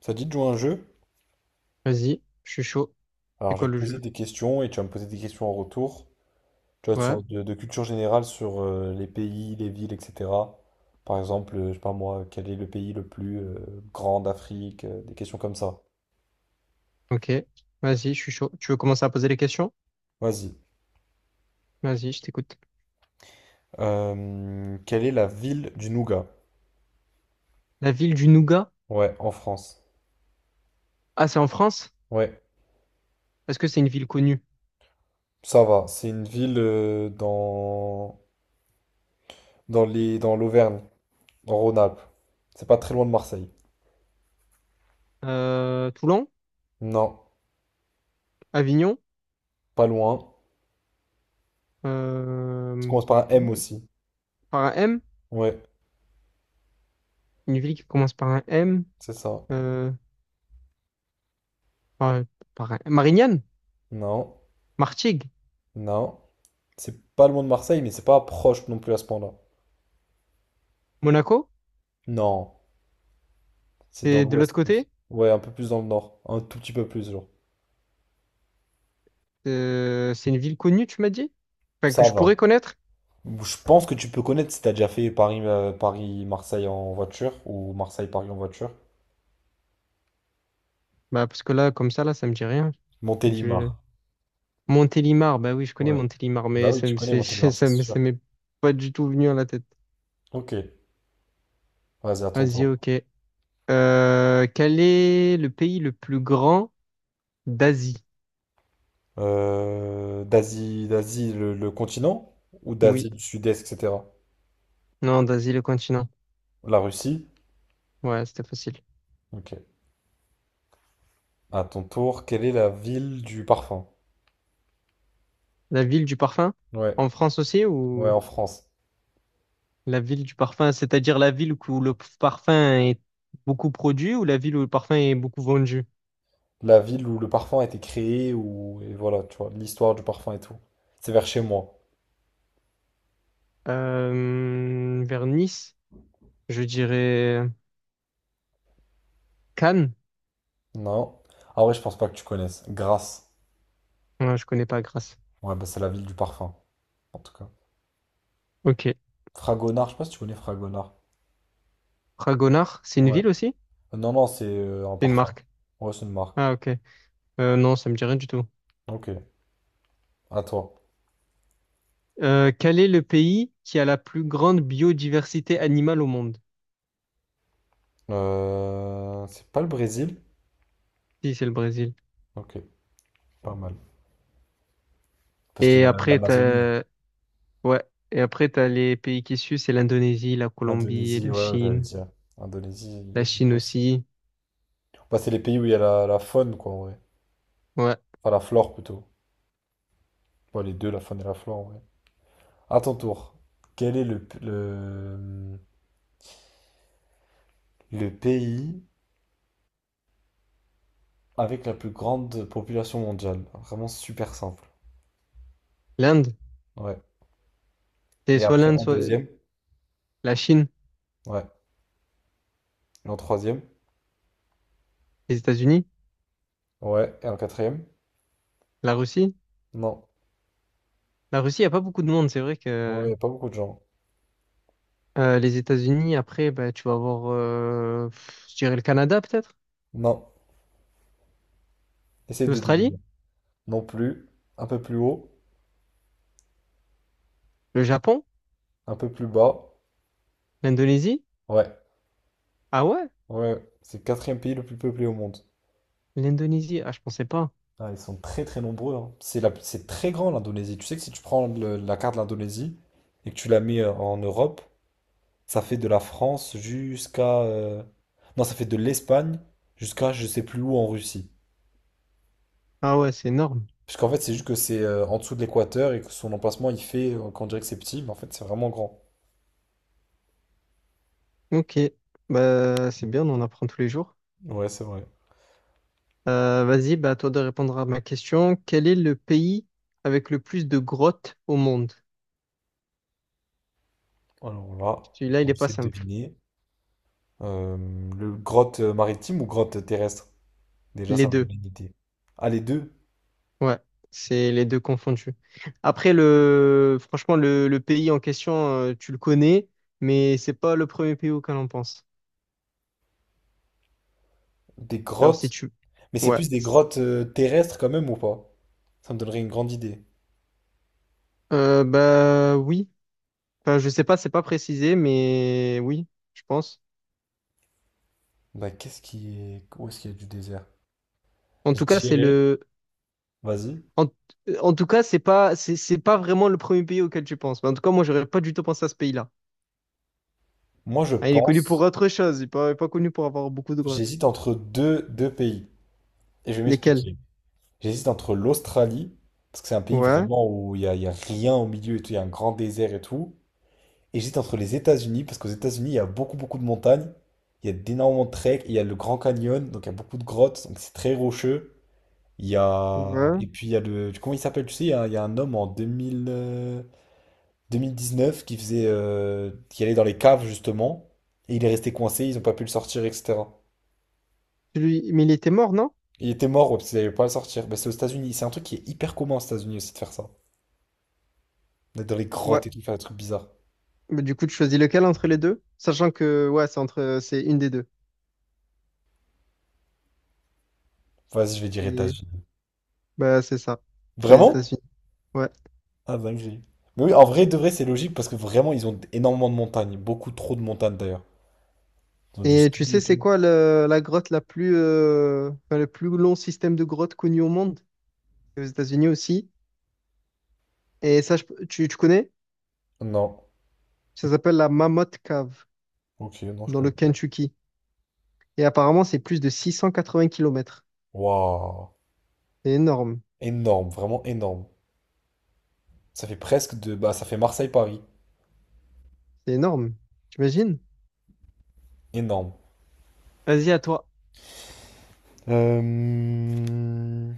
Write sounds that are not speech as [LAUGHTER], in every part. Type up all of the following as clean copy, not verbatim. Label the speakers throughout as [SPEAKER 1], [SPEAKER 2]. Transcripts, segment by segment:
[SPEAKER 1] Ça te dit de jouer à un jeu?
[SPEAKER 2] Vas-y, je suis chaud.
[SPEAKER 1] Alors,
[SPEAKER 2] C'est
[SPEAKER 1] je
[SPEAKER 2] quoi
[SPEAKER 1] vais te
[SPEAKER 2] le
[SPEAKER 1] poser
[SPEAKER 2] jeu?
[SPEAKER 1] des questions et tu vas me poser des questions en retour. Tu vois, de
[SPEAKER 2] Ouais,
[SPEAKER 1] sorte de culture générale sur les pays, les villes, etc. Par exemple, je sais pas moi, quel est le pays le plus grand d'Afrique? Des questions comme ça.
[SPEAKER 2] ok. Vas-y, je suis chaud. Tu veux commencer à poser les questions?
[SPEAKER 1] Vas-y.
[SPEAKER 2] Vas-y, je t'écoute.
[SPEAKER 1] Quelle est la ville du Nougat?
[SPEAKER 2] La ville du Nougat?
[SPEAKER 1] Ouais, en France.
[SPEAKER 2] Ah, c'est en France?
[SPEAKER 1] Ouais,
[SPEAKER 2] Est-ce que c'est une ville connue?
[SPEAKER 1] ça va. C'est une ville dans l'Auvergne, en Rhône-Alpes. C'est pas très loin de Marseille.
[SPEAKER 2] Toulon?
[SPEAKER 1] Non,
[SPEAKER 2] Avignon?
[SPEAKER 1] pas loin. Ça
[SPEAKER 2] Euh,
[SPEAKER 1] commence par un M
[SPEAKER 2] Toulouse.
[SPEAKER 1] aussi.
[SPEAKER 2] Par un M?
[SPEAKER 1] Ouais,
[SPEAKER 2] Une ville qui commence par un M?
[SPEAKER 1] c'est ça.
[SPEAKER 2] Euh, par, Marignane?
[SPEAKER 1] Non.
[SPEAKER 2] Martigues?
[SPEAKER 1] Non, c'est pas loin de Marseille, mais c'est pas proche non plus à ce point-là.
[SPEAKER 2] Monaco?
[SPEAKER 1] Non, c'est dans
[SPEAKER 2] C'est de l'autre
[SPEAKER 1] l'ouest plus.
[SPEAKER 2] côté?
[SPEAKER 1] Ouais, un peu plus dans le nord, un tout petit peu plus, genre.
[SPEAKER 2] C'est une ville connue, tu m'as dit? Enfin, que
[SPEAKER 1] Ça
[SPEAKER 2] je
[SPEAKER 1] va.
[SPEAKER 2] pourrais connaître?
[SPEAKER 1] Je pense que tu peux connaître si t'as déjà fait Paris, Paris-Marseille en voiture ou Marseille-Paris en voiture.
[SPEAKER 2] Bah, parce que là, comme ça, là, ça me dit rien. Je dis-
[SPEAKER 1] Montélimar.
[SPEAKER 2] Montélimar, bah oui, je connais
[SPEAKER 1] Ouais.
[SPEAKER 2] Montélimar,
[SPEAKER 1] Bah
[SPEAKER 2] mais
[SPEAKER 1] oui, tu connais
[SPEAKER 2] c'est- [LAUGHS]
[SPEAKER 1] Montélimar, c'est sûr.
[SPEAKER 2] ça m'est pas du tout venu à la tête.
[SPEAKER 1] Ok, vas-y, à ton
[SPEAKER 2] Vas-y,
[SPEAKER 1] tour.
[SPEAKER 2] ok. Quel est le pays le plus grand d'Asie?
[SPEAKER 1] D'Asie, le continent ou
[SPEAKER 2] Oui,
[SPEAKER 1] d'Asie du Sud-Est, etc.
[SPEAKER 2] non, d'Asie, le continent.
[SPEAKER 1] La Russie.
[SPEAKER 2] Ouais, c'était facile.
[SPEAKER 1] Ok. À ton tour, quelle est la ville du parfum?
[SPEAKER 2] La ville du parfum?
[SPEAKER 1] Ouais.
[SPEAKER 2] En France aussi,
[SPEAKER 1] Ouais,
[SPEAKER 2] ou
[SPEAKER 1] en France.
[SPEAKER 2] la ville du parfum, c'est-à-dire la ville où le parfum est beaucoup produit, ou la ville où le parfum est beaucoup vendu?
[SPEAKER 1] La ville où le parfum a été créé, ou et voilà, tu vois, l'histoire du parfum et tout. C'est vers chez moi.
[SPEAKER 2] Vers Nice, je dirais Cannes.
[SPEAKER 1] Non. Ah ouais, je pense pas que tu connaisses. Grasse.
[SPEAKER 2] Non, je connais pas Grasse.
[SPEAKER 1] Ouais, bah c'est la ville du parfum, en tout cas.
[SPEAKER 2] Ok.
[SPEAKER 1] Fragonard, je sais pas si tu connais Fragonard.
[SPEAKER 2] Fragonard, c'est une
[SPEAKER 1] Ouais.
[SPEAKER 2] ville aussi?
[SPEAKER 1] Non, non, c'est un
[SPEAKER 2] C'est une
[SPEAKER 1] parfum.
[SPEAKER 2] marque.
[SPEAKER 1] Ouais, c'est une marque.
[SPEAKER 2] Ah, ok. Non, ça me dit rien du tout.
[SPEAKER 1] Ok, à toi.
[SPEAKER 2] Quel est le pays qui a la plus grande biodiversité animale au monde?
[SPEAKER 1] C'est pas le Brésil?
[SPEAKER 2] Si, c'est le Brésil.
[SPEAKER 1] Ok, pas mal. Parce qu'il y
[SPEAKER 2] Et
[SPEAKER 1] a
[SPEAKER 2] après,
[SPEAKER 1] l'Amazonie.
[SPEAKER 2] t'as... Ouais. Et après, t'as les pays qui suivent, c'est l'Indonésie, la Colombie,
[SPEAKER 1] Indonésie,
[SPEAKER 2] la
[SPEAKER 1] ouais, ouais, j'allais
[SPEAKER 2] Chine.
[SPEAKER 1] dire. Indonésie, il y
[SPEAKER 2] La
[SPEAKER 1] a
[SPEAKER 2] Chine
[SPEAKER 1] beaucoup aussi.
[SPEAKER 2] aussi.
[SPEAKER 1] Bah, c'est les pays où il y a la faune, quoi, en vrai.
[SPEAKER 2] Ouais.
[SPEAKER 1] Enfin, la flore plutôt. Ouais, les deux, la faune et la flore, ouais. À ton tour, quel est le pays avec la plus grande population mondiale? Vraiment super simple.
[SPEAKER 2] L'Inde.
[SPEAKER 1] Ouais.
[SPEAKER 2] C'est
[SPEAKER 1] Et
[SPEAKER 2] soit
[SPEAKER 1] après,
[SPEAKER 2] l'Inde,
[SPEAKER 1] en
[SPEAKER 2] soit
[SPEAKER 1] deuxième?
[SPEAKER 2] la Chine,
[SPEAKER 1] Ouais. Et en troisième?
[SPEAKER 2] les États-Unis,
[SPEAKER 1] Ouais. Et en quatrième?
[SPEAKER 2] la Russie.
[SPEAKER 1] Non.
[SPEAKER 2] La Russie, il n'y a pas beaucoup de monde. C'est vrai
[SPEAKER 1] Ouais,
[SPEAKER 2] que
[SPEAKER 1] y a pas beaucoup de gens.
[SPEAKER 2] les États-Unis, après, bah, tu vas avoir, je dirais, le Canada peut-être,
[SPEAKER 1] Non. Essaye de deviner.
[SPEAKER 2] l'Australie,
[SPEAKER 1] Non plus. Un peu plus haut.
[SPEAKER 2] le Japon,
[SPEAKER 1] Un peu plus bas.
[SPEAKER 2] l'Indonésie.
[SPEAKER 1] Ouais.
[SPEAKER 2] Ah ouais?
[SPEAKER 1] Ouais. C'est le quatrième pays le plus peuplé au monde.
[SPEAKER 2] L'Indonésie, ah, je pensais pas.
[SPEAKER 1] Ah, ils sont très très nombreux, hein. C'est très grand l'Indonésie. Tu sais que si tu prends la carte de l'Indonésie et que tu la mets en Europe, ça fait de la France jusqu'à, non, ça fait de l'Espagne jusqu'à je sais plus où en Russie.
[SPEAKER 2] Ah ouais, c'est énorme.
[SPEAKER 1] Parce qu'en fait, c'est juste que c'est en dessous de l'équateur et que son emplacement, il fait qu'on dirait que c'est petit, mais en fait, c'est vraiment grand.
[SPEAKER 2] Ok, bah, c'est bien, on en apprend tous les jours.
[SPEAKER 1] Ouais, c'est vrai.
[SPEAKER 2] Vas-y, bah, à toi de répondre à ma question. Quel est le pays avec le plus de grottes au monde?
[SPEAKER 1] Alors là,
[SPEAKER 2] Celui-là, il
[SPEAKER 1] on
[SPEAKER 2] est pas
[SPEAKER 1] essaie de
[SPEAKER 2] simple.
[SPEAKER 1] deviner. Euh, le grotte maritime ou grotte terrestre? Déjà,
[SPEAKER 2] Les
[SPEAKER 1] ça me donne
[SPEAKER 2] deux.
[SPEAKER 1] une idée. Ah, les deux?
[SPEAKER 2] Ouais, c'est les deux confondus. Après, le... franchement, le pays en question, tu le connais, mais c'est pas le premier pays auquel on pense.
[SPEAKER 1] Des
[SPEAKER 2] Alors, si
[SPEAKER 1] grottes
[SPEAKER 2] tu...
[SPEAKER 1] Mais c'est
[SPEAKER 2] Ouais.
[SPEAKER 1] plus des grottes terrestres quand même ou pas? Ça me donnerait une grande idée.
[SPEAKER 2] Bah oui. Enfin, je sais pas, c'est pas précisé, mais oui, je pense.
[SPEAKER 1] Bah où est-ce qu'il y a du désert?
[SPEAKER 2] En
[SPEAKER 1] Je
[SPEAKER 2] tout cas, c'est
[SPEAKER 1] dirais.
[SPEAKER 2] le.
[SPEAKER 1] Vas-y.
[SPEAKER 2] En, en tout cas, c'est pas vraiment le premier pays auquel tu penses. Mais en tout cas, moi, j'aurais pas du tout pensé à ce pays-là.
[SPEAKER 1] Moi je
[SPEAKER 2] Ah, il est connu pour
[SPEAKER 1] pense.
[SPEAKER 2] autre chose. Il n'est pas, pas connu pour avoir beaucoup de grottes.
[SPEAKER 1] J'hésite entre deux pays. Et je vais
[SPEAKER 2] Lesquelles?
[SPEAKER 1] m'expliquer. J'hésite entre l'Australie, parce que c'est un pays
[SPEAKER 2] Ouais,
[SPEAKER 1] vraiment où il y a rien au milieu et tout, il y a un grand désert et tout. Et j'hésite entre les États-Unis, parce qu'aux États-Unis, il y a beaucoup beaucoup de montagnes. Il y a d'énormément de treks, et il y a le Grand Canyon, donc il y a beaucoup de grottes, donc c'est très rocheux. Il y a. Et
[SPEAKER 2] ouais.
[SPEAKER 1] puis il y a le. Comment il s'appelle, tu sais, il y a un homme en 2000 neuf qui allait dans les caves, justement, et il est resté coincé, ils n'ont pas pu le sortir, etc.
[SPEAKER 2] Celui- Mais il était mort, non?
[SPEAKER 1] Il était mort, ouais, parce qu'ils n'avaient pas à le sortir. Bah, c'est aux États-Unis, c'est un truc qui est hyper commun aux États-Unis aussi de faire ça. D'être dans les
[SPEAKER 2] Ouais.
[SPEAKER 1] grottes et tout, faire des trucs bizarres.
[SPEAKER 2] Mais du coup, tu choisis lequel entre les deux? Sachant que, ouais, c'est une des deux.
[SPEAKER 1] Vas-y, je vais dire
[SPEAKER 2] Et,
[SPEAKER 1] États-Unis.
[SPEAKER 2] bah, c'est ça. C'est les
[SPEAKER 1] Vraiment?
[SPEAKER 2] États-Unis. Ouais.
[SPEAKER 1] Ah, dinguerie. Mais oui, en vrai, de vrai, c'est logique, parce que vraiment, ils ont énormément de montagnes, beaucoup trop de montagnes d'ailleurs. Ils ont du
[SPEAKER 2] Et tu
[SPEAKER 1] ski
[SPEAKER 2] sais,
[SPEAKER 1] et
[SPEAKER 2] c'est
[SPEAKER 1] tout.
[SPEAKER 2] quoi la grotte la plus, enfin, le plus long système de grottes connu au monde? C'est aux États-Unis aussi. Et ça, tu connais?
[SPEAKER 1] Non.
[SPEAKER 2] Ça s'appelle la Mammoth Cave,
[SPEAKER 1] Ok, non, je
[SPEAKER 2] dans le
[SPEAKER 1] connais pas.
[SPEAKER 2] Kentucky. Et apparemment, c'est plus de 680 kilomètres.
[SPEAKER 1] Waouh.
[SPEAKER 2] C'est énorme.
[SPEAKER 1] Énorme, vraiment énorme. Ça fait presque de. Bah, ça fait Marseille-Paris.
[SPEAKER 2] C'est énorme. T'imagines?
[SPEAKER 1] Énorme.
[SPEAKER 2] Vas-y, à toi.
[SPEAKER 1] Euh,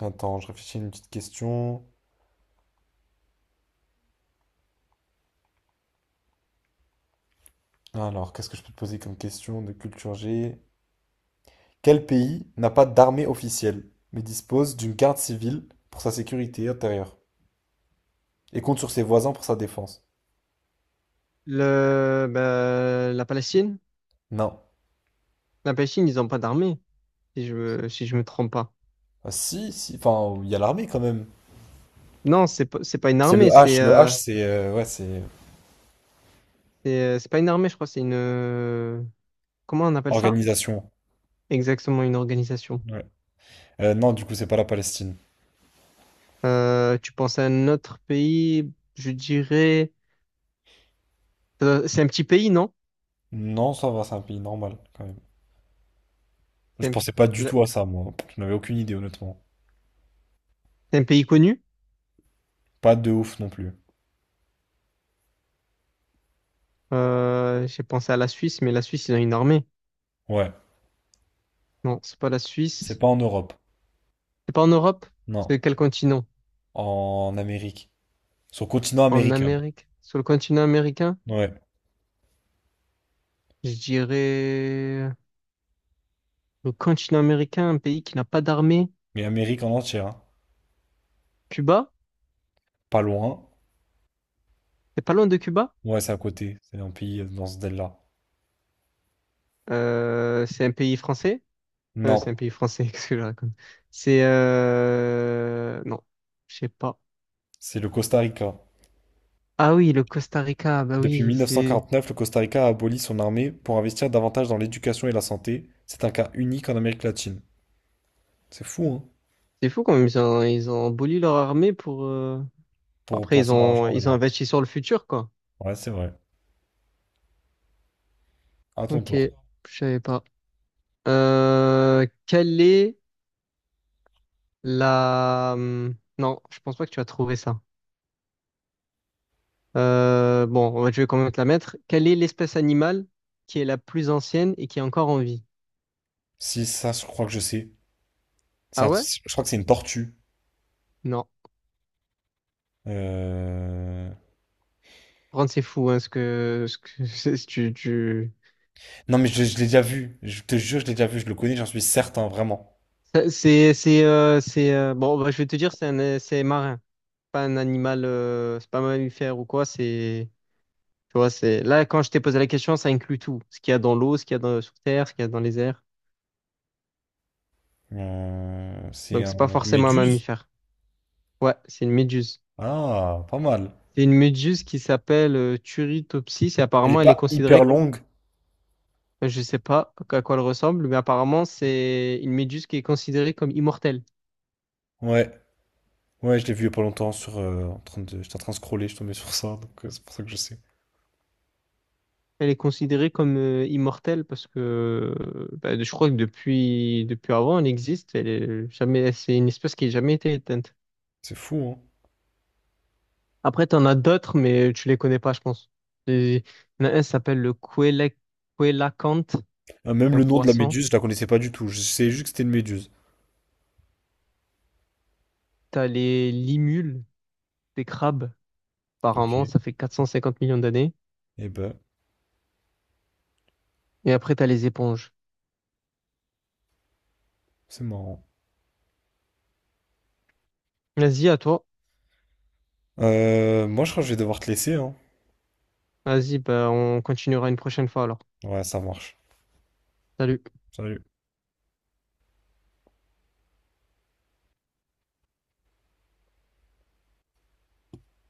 [SPEAKER 1] Attends, je réfléchis à une petite question. Alors, qu'est-ce que je peux te poser comme question de culture G? Quel pays n'a pas d'armée officielle, mais dispose d'une garde civile pour sa sécurité intérieure et compte sur ses voisins pour sa défense?
[SPEAKER 2] Le, bah, la Palestine?
[SPEAKER 1] Non.
[SPEAKER 2] La Palestine, ils n'ont pas d'armée, si je me trompe pas.
[SPEAKER 1] Ah, si, si, enfin, il y a l'armée quand même.
[SPEAKER 2] Non, c'est pas une
[SPEAKER 1] C'est le
[SPEAKER 2] armée,
[SPEAKER 1] H, le H, c'est ouais, c'est
[SPEAKER 2] c'est pas une armée, je crois, c'est une... comment on appelle ça?
[SPEAKER 1] organisation.
[SPEAKER 2] Exactement, une organisation.
[SPEAKER 1] Ouais. Non, du coup, c'est pas la Palestine.
[SPEAKER 2] Tu penses à un autre pays, je dirais... c'est un petit pays, non?
[SPEAKER 1] Non, ça va, c'est un pays normal quand même. Je
[SPEAKER 2] C'est un,
[SPEAKER 1] pensais pas du
[SPEAKER 2] la-
[SPEAKER 1] tout à ça, moi. Je n'avais aucune idée, honnêtement.
[SPEAKER 2] c'est un pays connu?
[SPEAKER 1] Pas de ouf non plus.
[SPEAKER 2] J'ai pensé à la Suisse, mais la Suisse, ils ont une armée.
[SPEAKER 1] Ouais.
[SPEAKER 2] Non, c'est pas la
[SPEAKER 1] C'est
[SPEAKER 2] Suisse.
[SPEAKER 1] pas en Europe.
[SPEAKER 2] C'est pas en Europe?
[SPEAKER 1] Non.
[SPEAKER 2] C'est quel continent?
[SPEAKER 1] En Amérique. Sur le continent
[SPEAKER 2] En
[SPEAKER 1] américain.
[SPEAKER 2] Amérique? Sur le continent américain?
[SPEAKER 1] Ouais.
[SPEAKER 2] Je dirais le continent américain, un pays qui n'a pas d'armée.
[SPEAKER 1] Mais Amérique en entière, hein.
[SPEAKER 2] Cuba?
[SPEAKER 1] Pas loin.
[SPEAKER 2] C'est pas loin de Cuba?
[SPEAKER 1] Ouais, c'est à côté. C'est un pays dans ce délire-là.
[SPEAKER 2] C'est un pays français? C'est un
[SPEAKER 1] Non.
[SPEAKER 2] pays français, [LAUGHS] qu'est-ce que je raconte? C'est Non, je sais pas.
[SPEAKER 1] C'est le Costa Rica.
[SPEAKER 2] Ah oui, le Costa Rica, bah
[SPEAKER 1] Depuis
[SPEAKER 2] oui,
[SPEAKER 1] 1949, le Costa Rica a aboli son armée pour investir davantage dans l'éducation et la santé. C'est un cas unique en Amérique latine. C'est fou, hein?
[SPEAKER 2] c'est fou quand même, ils ont aboli leur armée pour...
[SPEAKER 1] Pour
[SPEAKER 2] après,
[SPEAKER 1] placer leur argent, on va
[SPEAKER 2] ils ont
[SPEAKER 1] dire.
[SPEAKER 2] investi sur le futur, quoi.
[SPEAKER 1] Ouais, c'est vrai. À ton
[SPEAKER 2] Ok, je
[SPEAKER 1] tour.
[SPEAKER 2] savais pas. Quelle est la... non, je pense pas que tu as trouvé ça. Bon, je vais quand même te la mettre. Quelle est l'espèce animale qui est la plus ancienne et qui est encore en vie?
[SPEAKER 1] Si ça, je crois que je sais.
[SPEAKER 2] Ah ouais?
[SPEAKER 1] Je crois que c'est une tortue.
[SPEAKER 2] Non.
[SPEAKER 1] Euh,
[SPEAKER 2] Ron, c'est fou, hein, ce que... Ce que... [LAUGHS] c'est- Tu...
[SPEAKER 1] Non, mais je l'ai déjà vu. Je te jure, je l'ai déjà vu. Je le connais, j'en suis certain, vraiment.
[SPEAKER 2] Ça, c'est... c'est, bon, bah, je vais te dire, c'est un... c'est marin. Pas un animal... c'est pas un mammifère ou quoi, c'est... Tu vois, c'est... Là, quand je t'ai posé la question, ça inclut tout. Ce qu'il y a dans l'eau, ce qu'il y a dans... sur Terre, ce qu'il y a dans les airs. Donc, c'est pas
[SPEAKER 1] Une
[SPEAKER 2] forcément un
[SPEAKER 1] méduse.
[SPEAKER 2] mammifère. Ouais, c'est une méduse.
[SPEAKER 1] Ah, pas mal.
[SPEAKER 2] C'est une méduse qui s'appelle Turritopsis, et
[SPEAKER 1] Elle est
[SPEAKER 2] apparemment, elle est
[SPEAKER 1] pas hyper
[SPEAKER 2] considérée,
[SPEAKER 1] longue.
[SPEAKER 2] je sais pas à quoi elle ressemble, mais apparemment, c'est une méduse qui est considérée comme immortelle.
[SPEAKER 1] Ouais. Ouais, je l'ai vu il y a pas longtemps sur. En train de. J'étais en train de scroller, je tombais sur ça, donc c'est pour ça que je sais.
[SPEAKER 2] Elle est considérée comme immortelle parce que bah, je crois que depuis avant, elle existe. Elle est jamais, c'est une espèce qui n'a jamais été éteinte.
[SPEAKER 1] C'est fou, hein.
[SPEAKER 2] Après, tu en as d'autres, mais tu les connais pas, je pense. Et il y en a un qui s'appelle le coélacanthe,
[SPEAKER 1] Ah, même
[SPEAKER 2] un
[SPEAKER 1] le nom de la
[SPEAKER 2] poisson.
[SPEAKER 1] méduse, je la connaissais pas du tout. Je savais juste que c'était une méduse.
[SPEAKER 2] Tu as les limules, des crabes. Par
[SPEAKER 1] Ok.
[SPEAKER 2] an, ça fait 450 millions d'années.
[SPEAKER 1] Eh ben,
[SPEAKER 2] Et après, t'as les éponges.
[SPEAKER 1] c'est marrant.
[SPEAKER 2] Vas-y, à toi.
[SPEAKER 1] Moi, je crois que je vais devoir te laisser, hein.
[SPEAKER 2] Vas-y, bah, on continuera une prochaine fois alors.
[SPEAKER 1] Ouais, ça marche.
[SPEAKER 2] Salut.
[SPEAKER 1] Salut.